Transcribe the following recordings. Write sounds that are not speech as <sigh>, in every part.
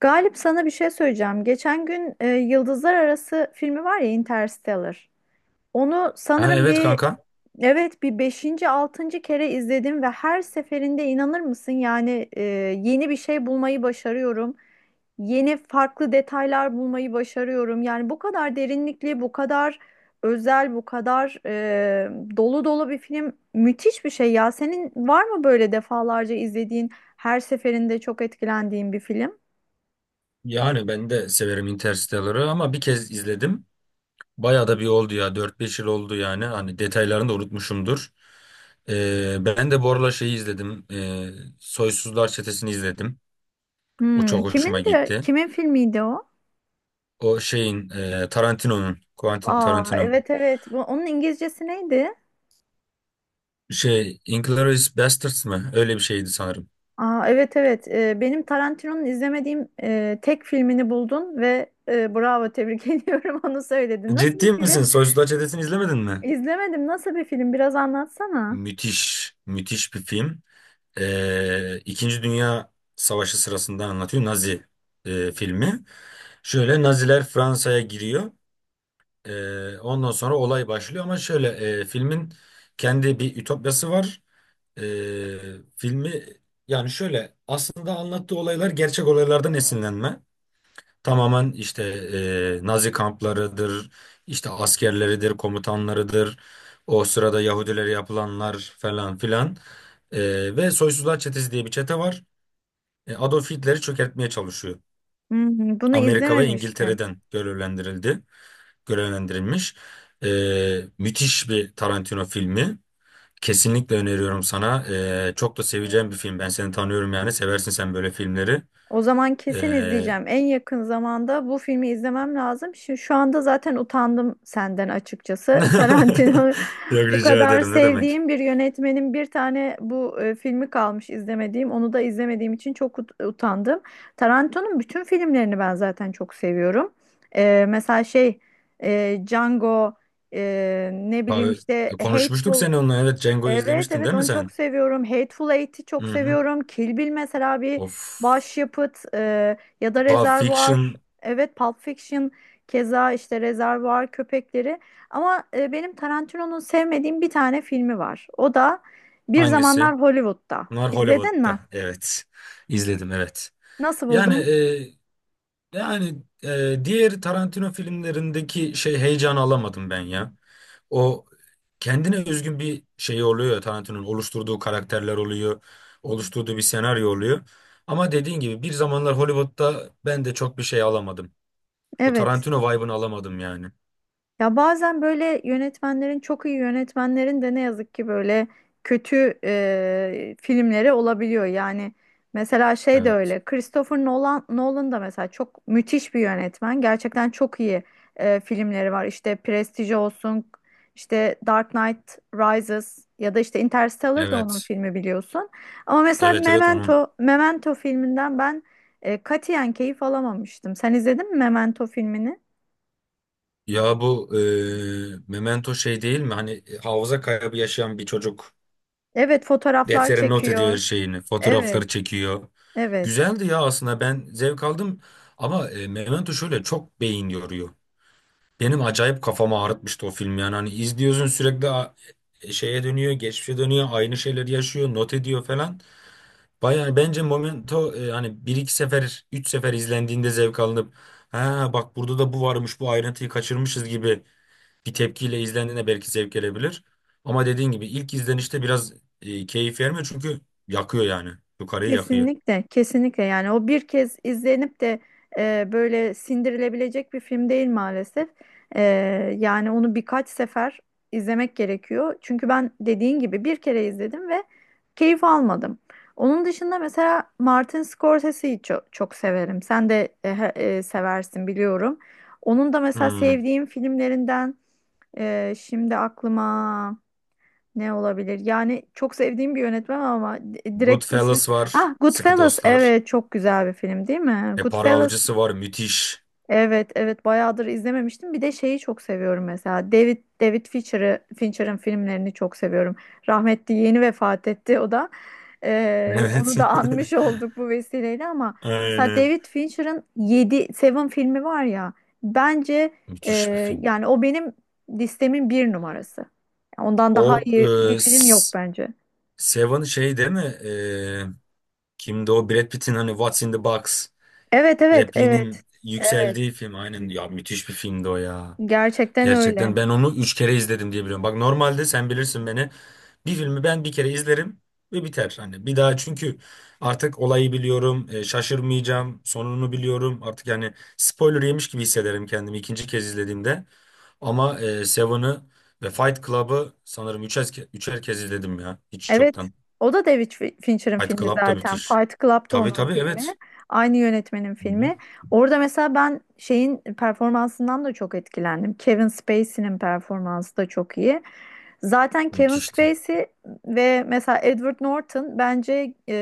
Galip, sana bir şey söyleyeceğim. Geçen gün Yıldızlar Arası filmi var ya, Interstellar. Onu Ha, sanırım evet bir kanka. evet bir beşinci altıncı kere izledim ve her seferinde inanır mısın yani, yeni bir şey bulmayı başarıyorum. Yeni farklı detaylar bulmayı başarıyorum. Yani bu kadar derinlikli, bu kadar özel, bu kadar dolu dolu bir film, müthiş bir şey ya. Senin var mı böyle defalarca izlediğin, her seferinde çok etkilendiğin bir film? Yani ben de severim Interstellar'ı ama bir kez izledim. Bayağı da bir oldu ya. Dört beş yıl oldu yani. Hani detaylarını da unutmuşumdur. Ben de bu aralar şeyi izledim. Soysuzlar Çetesi'ni izledim. O Hmm, çok kimin hoşuma de gitti. kimin filmiydi o? O şeyin Tarantino'nun, Quentin Aa, Tarantino. evet evet. Bu, onun İngilizcesi neydi? Şey, Inglourious Basterds mı? Öyle bir şeydi sanırım. Aa, evet evet. Benim Tarantino'nun izlemediğim tek filmini buldun ve bravo, tebrik <laughs> ediyorum, onu söyledin. Nasıl bir Ciddi film? misin? Soysuzlar Çetesi'ni izlemedin mi? İzlemedim. Nasıl bir film? Biraz anlatsana. Müthiş, müthiş bir film. İkinci Dünya Savaşı sırasında anlatıyor Nazi filmi. Şöyle Naziler Fransa'ya giriyor. Ondan sonra olay başlıyor ama şöyle filmin kendi bir ütopyası var. Ee, Filmi yani şöyle aslında anlattığı olaylar gerçek olaylardan esinlenme. Tamamen işte Nazi kamplarıdır, işte askerleridir, komutanlarıdır, o sırada Yahudilere yapılanlar falan filan. Ve Soysuzlar Çetesi diye bir çete var. Adolf Hitler'i çökertmeye çalışıyor. Hmm, bunu Amerika ve izlememiştim. İngiltere'den görevlendirildi, görevlendirilmiş. E, Müthiş bir Tarantino filmi. Kesinlikle öneriyorum sana. Çok da seveceğin bir film. Ben seni tanıyorum yani. Seversin sen böyle filmleri. O zaman kesin E, izleyeceğim. En yakın zamanda bu filmi izlemem lazım. Şimdi şu anda zaten utandım senden açıkçası. <laughs> Tarantino Yok <laughs> Bu rica kadar ederim ne demek. sevdiğim bir yönetmenin bir tane bu filmi kalmış izlemediğim. Onu da izlemediğim için çok utandım. Tarantino'nun bütün filmlerini ben zaten çok seviyorum. Mesela şey, Django, ne bileyim Abi, işte konuşmuştuk Hateful. seni onunla. Evet, Django Evet izlemiştin evet, değil mi onu çok sen? seviyorum. Hateful Eight'i Hı çok hı. seviyorum. Kill Bill mesela bir Of. başyapıt, ya da Pulp Rezervuar. Fiction Evet, Pulp Fiction, keza işte Rezervuar Köpekleri. Ama benim Tarantino'nun sevmediğim bir tane filmi var. O da Bir hangisi? Zamanlar Hollywood'da. Bunlar İzledin mi? Hollywood'da. Evet. İzledim evet. Nasıl Yani buldun? e, yani diğer Tarantino filmlerindeki şey heyecanı alamadım ben ya. O kendine özgün bir şey oluyor ya, Tarantino'nun oluşturduğu karakterler oluyor, oluşturduğu bir senaryo oluyor. Ama dediğin gibi bir zamanlar Hollywood'da ben de çok bir şey alamadım. O Evet. Tarantino vibe'ını alamadım yani. Ya bazen böyle yönetmenlerin, çok iyi yönetmenlerin de ne yazık ki böyle kötü filmleri olabiliyor. Yani mesela şey de Evet. öyle. Christopher Nolan da mesela çok müthiş bir yönetmen. Gerçekten çok iyi filmleri var. İşte Prestige olsun, işte Dark Knight Rises ya da işte Interstellar da onun Evet. filmi biliyorsun. Ama mesela Evet evet onun. Memento filminden ben katiyen keyif alamamıştım. Sen izledin mi Memento filmini? Ya bu Memento şey değil mi? Hani hafıza kaybı yaşayan bir çocuk Evet, fotoğraflar deftere not ediyor çekiyor. her şeyini. Fotoğrafları Evet, çekiyor. evet. Güzeldi ya, aslında ben zevk aldım. Ama Memento şöyle çok beyin yoruyor. Benim acayip kafamı ağrıtmıştı o film yani. Hani izliyorsun sürekli şeye dönüyor, geçmişe dönüyor, aynı şeyleri yaşıyor, not ediyor falan. Bayağı bence Momento, hani bir iki sefer, üç sefer izlendiğinde zevk alınıp ha bak burada da bu varmış, bu ayrıntıyı kaçırmışız gibi bir tepkiyle izlendiğinde belki zevk gelebilir. Ama dediğin gibi ilk izlenişte biraz keyif vermiyor çünkü yakıyor yani. Yukarıyı yakıyor. Kesinlikle, kesinlikle. Yani o bir kez izlenip de böyle sindirilebilecek bir film değil maalesef. E, Yani onu birkaç sefer izlemek gerekiyor. Çünkü ben dediğin gibi bir kere izledim ve keyif almadım. Onun dışında mesela Martin Scorsese'yi çok, çok severim. Sen de seversin biliyorum. Onun da mesela Hmm. sevdiğim filmlerinden şimdi aklıma. Ne olabilir? Yani çok sevdiğim bir yönetmen ama direkt ismi. Goodfellas var, Ah, Sıkı Goodfellas. Dostlar. Evet, çok güzel bir film değil mi? E Para Goodfellas. Avcısı var, müthiş. <laughs> Evet, evet, bayağıdır izlememiştim. Bir de şeyi çok seviyorum mesela. David Fincher'ın filmlerini çok seviyorum. Rahmetli yeni vefat etti o da. Onu Evet. da anmış olduk bu vesileyle, ama <laughs> mesela Aynen. David Fincher'ın yedi, Seven filmi var ya. Bence, e, Müthiş bir film. yani o benim listemin bir numarası. Ondan daha O iyi e, bir film yok S- bence. Seven şey değil mi? Kimdi o? Brad Pitt'in hani What's in the Box Evet, evet, evet. repliğinin Evet. yükseldiği film. Aynen ya, müthiş bir filmdi o ya. Gerçekten Gerçekten öyle. ben onu üç kere izledim diye biliyorum. Bak normalde sen bilirsin beni. Bir filmi ben bir kere izlerim ve biter. Hani bir daha çünkü artık olayı biliyorum, şaşırmayacağım, sonunu biliyorum. Artık yani spoiler yemiş gibi hissederim kendimi ikinci kez izlediğimde. Ama Seven'ı ve Fight Club'ı sanırım üçer kez izledim ya hiç Evet. çoktan. O da David Fincher'ın Fight filmi Club da zaten. müthiş. Fight Club'da Tabii onun tabii filmi. evet. Aynı yönetmenin Hı hı. filmi. Orada mesela ben şeyin performansından da çok etkilendim. Kevin Spacey'nin performansı da çok iyi. Zaten Kevin Müthişti. Spacey ve mesela Edward Norton bence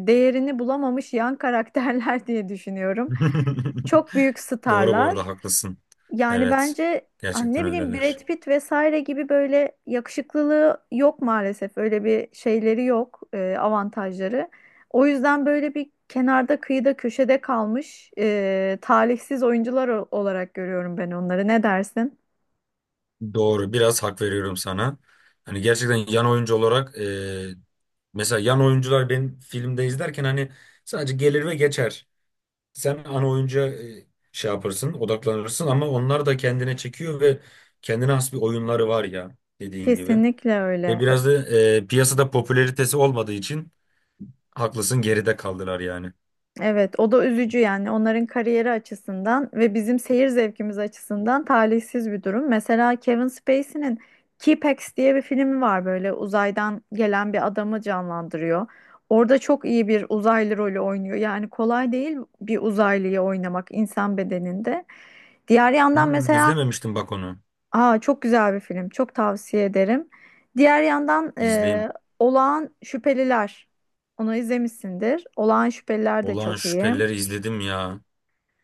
değerini bulamamış yan karakterler <laughs> diye düşünüyorum. <laughs> Çok büyük Doğru bu starlar. arada, haklısın. Yani Evet. bence hani Gerçekten ne bileyim öyleler. Brad Pitt vesaire gibi böyle yakışıklılığı yok maalesef. Öyle bir şeyleri yok, avantajları. O yüzden böyle bir kenarda, kıyıda, köşede kalmış talihsiz oyuncular olarak görüyorum ben onları. Ne dersin? Doğru. Biraz hak veriyorum sana. Hani gerçekten yan oyuncu olarak, mesela yan oyuncular benim filmde izlerken hani sadece gelir ve geçer. Sen ana oyuncuya şey yaparsın, odaklanırsın ama onlar da kendine çekiyor ve kendine has bir oyunları var ya dediğin gibi. Kesinlikle Ve öyle. biraz da piyasada popülaritesi olmadığı için haklısın, geride kaldılar yani. Evet, o da üzücü yani onların kariyeri açısından ve bizim seyir zevkimiz açısından talihsiz bir durum. Mesela Kevin Spacey'nin t diye bir filmi var, böyle uzaydan gelen bir adamı canlandırıyor. Orada çok iyi bir uzaylı rolü oynuyor. Yani kolay değil bir uzaylıyı oynamak insan bedeninde. Diğer yandan Hmm, mesela, izlememiştim bak onu. aa çok güzel bir film. Çok tavsiye ederim. Diğer yandan İzleyeyim. Olağan Şüpheliler. Onu izlemişsindir. Olağan Şüpheliler de Olağan çok iyi. Şüphelileri izledim ya.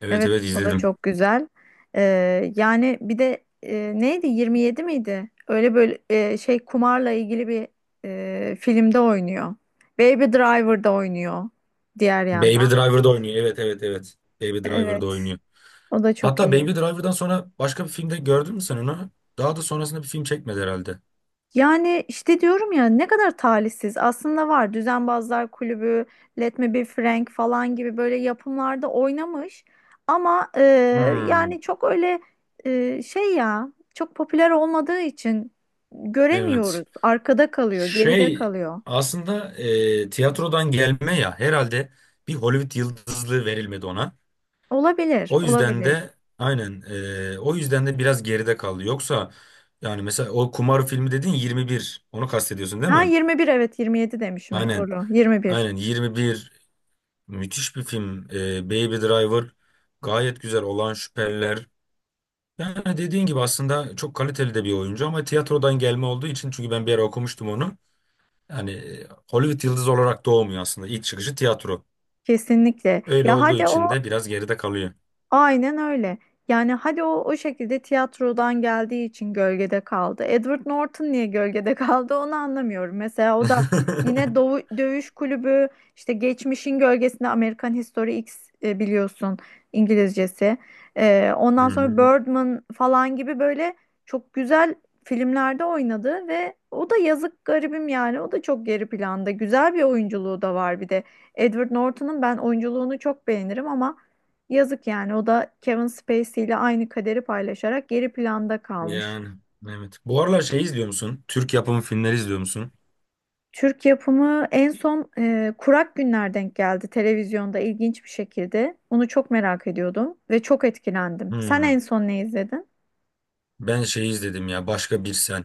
Evet Evet, evet o da izledim. çok güzel. Yani bir de neydi, 27 miydi? Öyle böyle şey, kumarla ilgili bir filmde oynuyor. Baby Driver'da oynuyor diğer Baby yandan. Driver'da oynuyor. Evet evet evet. Baby Driver'da Evet, oynuyor. o da çok Hatta Baby iyi. Driver'dan sonra başka bir filmde gördün mü sen onu? Daha da sonrasında bir film çekmedi herhalde. Yani işte diyorum ya ne kadar talihsiz. Aslında var Düzenbazlar Kulübü, Let Me Be Frank falan gibi böyle yapımlarda oynamış. Ama Hmm, yani çok öyle, şey ya çok popüler olmadığı için evet. göremiyoruz. Arkada kalıyor, geride Şey kalıyor. aslında tiyatrodan gelme ya. Herhalde bir Hollywood yıldızlığı verilmedi ona. Olabilir, O yüzden olabilir. de aynen o yüzden de biraz geride kaldı. Yoksa yani mesela o kumar filmi dedin 21. Onu kastediyorsun değil Ha, mi? 21, evet 27 demişim, Aynen. doğru. 21 Aynen 21 müthiş bir film. Baby Driver, gayet güzel, olan şüpheliler. Yani dediğin gibi aslında çok kaliteli de bir oyuncu ama tiyatrodan gelme olduğu için, çünkü ben bir ara okumuştum onu. Yani Hollywood yıldızı olarak doğmuyor aslında. İlk çıkışı tiyatro. kesinlikle. Öyle Ya olduğu hadi o. için de biraz geride kalıyor. Aynen öyle. Yani hadi o şekilde tiyatrodan geldiği için gölgede kaldı. Edward Norton niye gölgede <laughs> kaldı onu anlamıyorum. Mesela <laughs> o da Hı yine Doğu, Dövüş Kulübü, işte geçmişin gölgesinde, American History X, biliyorsun İngilizcesi. Ondan sonra hı. Birdman falan gibi böyle çok güzel filmlerde oynadı ve o da yazık, garibim, yani o da çok geri planda. Güzel bir oyunculuğu da var bir de. Edward Norton'un ben oyunculuğunu çok beğenirim ama. Yazık yani, o da Kevin Spacey ile aynı kaderi paylaşarak geri planda kalmış. Yani evet. Bu aralar şey izliyor musun? Türk yapımı filmleri izliyor musun? Türk yapımı en son Kurak Günler denk geldi televizyonda ilginç bir şekilde. Onu çok merak ediyordum ve çok etkilendim. Sen en Hmm. son ne izledin? Ben şey izledim ya, Başka Bir Sen.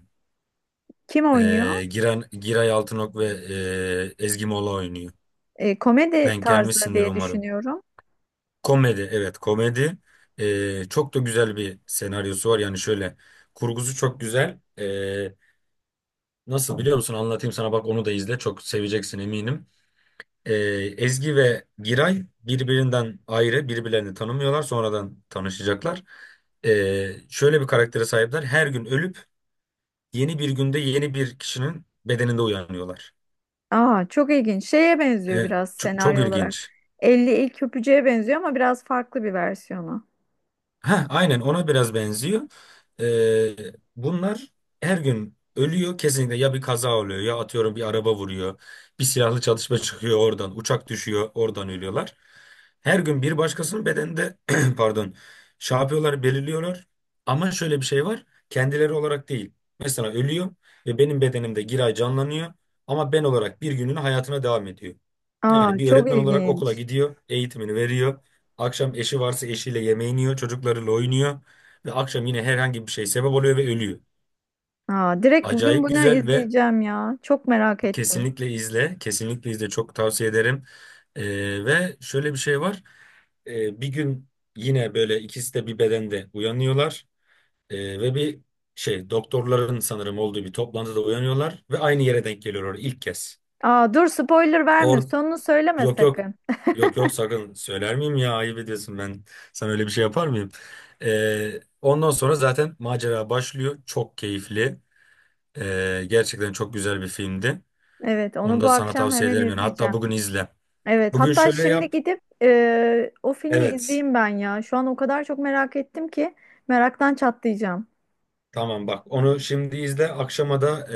Kim oynuyor? Giray Altınok ve Ezgi Mola oynuyor. Komedi Denk tarzı gelmişsindir diye umarım. düşünüyorum. Komedi, evet komedi. Çok da güzel bir senaryosu var. Yani şöyle kurgusu çok güzel. Nasıl biliyor musun? Anlatayım sana, bak onu da izle. Çok seveceksin eminim. Ee, Ezgi ve Giray birbirinden ayrı, birbirlerini tanımıyorlar. Sonradan tanışacaklar. Şöyle bir karaktere sahipler. Her gün ölüp yeni bir günde yeni bir kişinin bedeninde uyanıyorlar. Aa, çok ilginç. Şeye benziyor Ee, biraz Çok senaryo olarak. ilginç. Elli ilk öpücüğe benziyor ama biraz farklı bir versiyonu. Heh, aynen ona biraz benziyor. Ee, Bunlar her gün ölüyor kesinlikle, ya bir kaza oluyor ya atıyorum bir araba vuruyor. Bir silahlı çalışma <laughs> çıkıyor, oradan uçak düşüyor, oradan ölüyorlar. Her gün bir başkasının bedeninde <clears throat> pardon, şey yapıyorlar, belirliyorlar. Ama şöyle bir şey var, kendileri olarak değil. Mesela ölüyor ve benim bedenimde Giray canlanıyor ama ben olarak bir gününü hayatına devam ediyor. Yani Aa, bir çok öğretmen olarak okula ilginç. gidiyor, eğitimini veriyor. Akşam eşi varsa eşiyle yemeğini yiyor, çocuklarıyla oynuyor ve akşam yine herhangi bir şey sebep oluyor ve ölüyor. Aa, direkt bugün Acayip bunu güzel ve izleyeceğim ya. Çok merak ettim. kesinlikle izle, kesinlikle izle, çok tavsiye ederim. Ve şöyle bir şey var. Bir gün yine böyle ikisi de bir bedende uyanıyorlar. Ve bir şey doktorların sanırım olduğu bir toplantıda uyanıyorlar ve aynı yere denk geliyorlar ilk kez. Aa, dur, spoiler verme. Sonunu söyleme Yok yok. sakın. Yok yok, sakın söyler miyim ya, ayıp ediyorsun, ben sana öyle bir şey yapar mıyım? Ondan sonra zaten macera başlıyor, çok keyifli. Gerçekten çok güzel bir filmdi, Evet, onu onu da bu sana akşam tavsiye hemen ederim yani, hatta izleyeceğim. bugün izle. Evet, Bugün hatta şöyle şimdi yap, gidip o filmi evet, izleyeyim ben ya. Şu an o kadar çok merak ettim ki meraktan çatlayacağım. tamam bak, onu şimdi izle, akşama da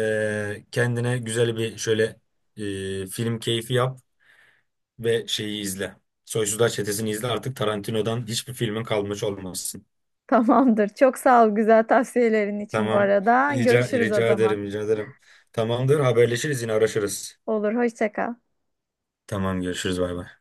kendine güzel bir şöyle film keyfi yap ve şeyi izle. Soysuzlar Çetesi'ni izle, artık Tarantino'dan hiçbir filmin kalmış olmasın. Tamamdır. Çok sağ ol, güzel tavsiyelerin için bu Tamam. arada. Rica, Görüşürüz o rica zaman. ederim, rica ederim. Tamamdır, haberleşiriz yine araşırız. Olur, hoşça kal. Tamam, görüşürüz, bay bay.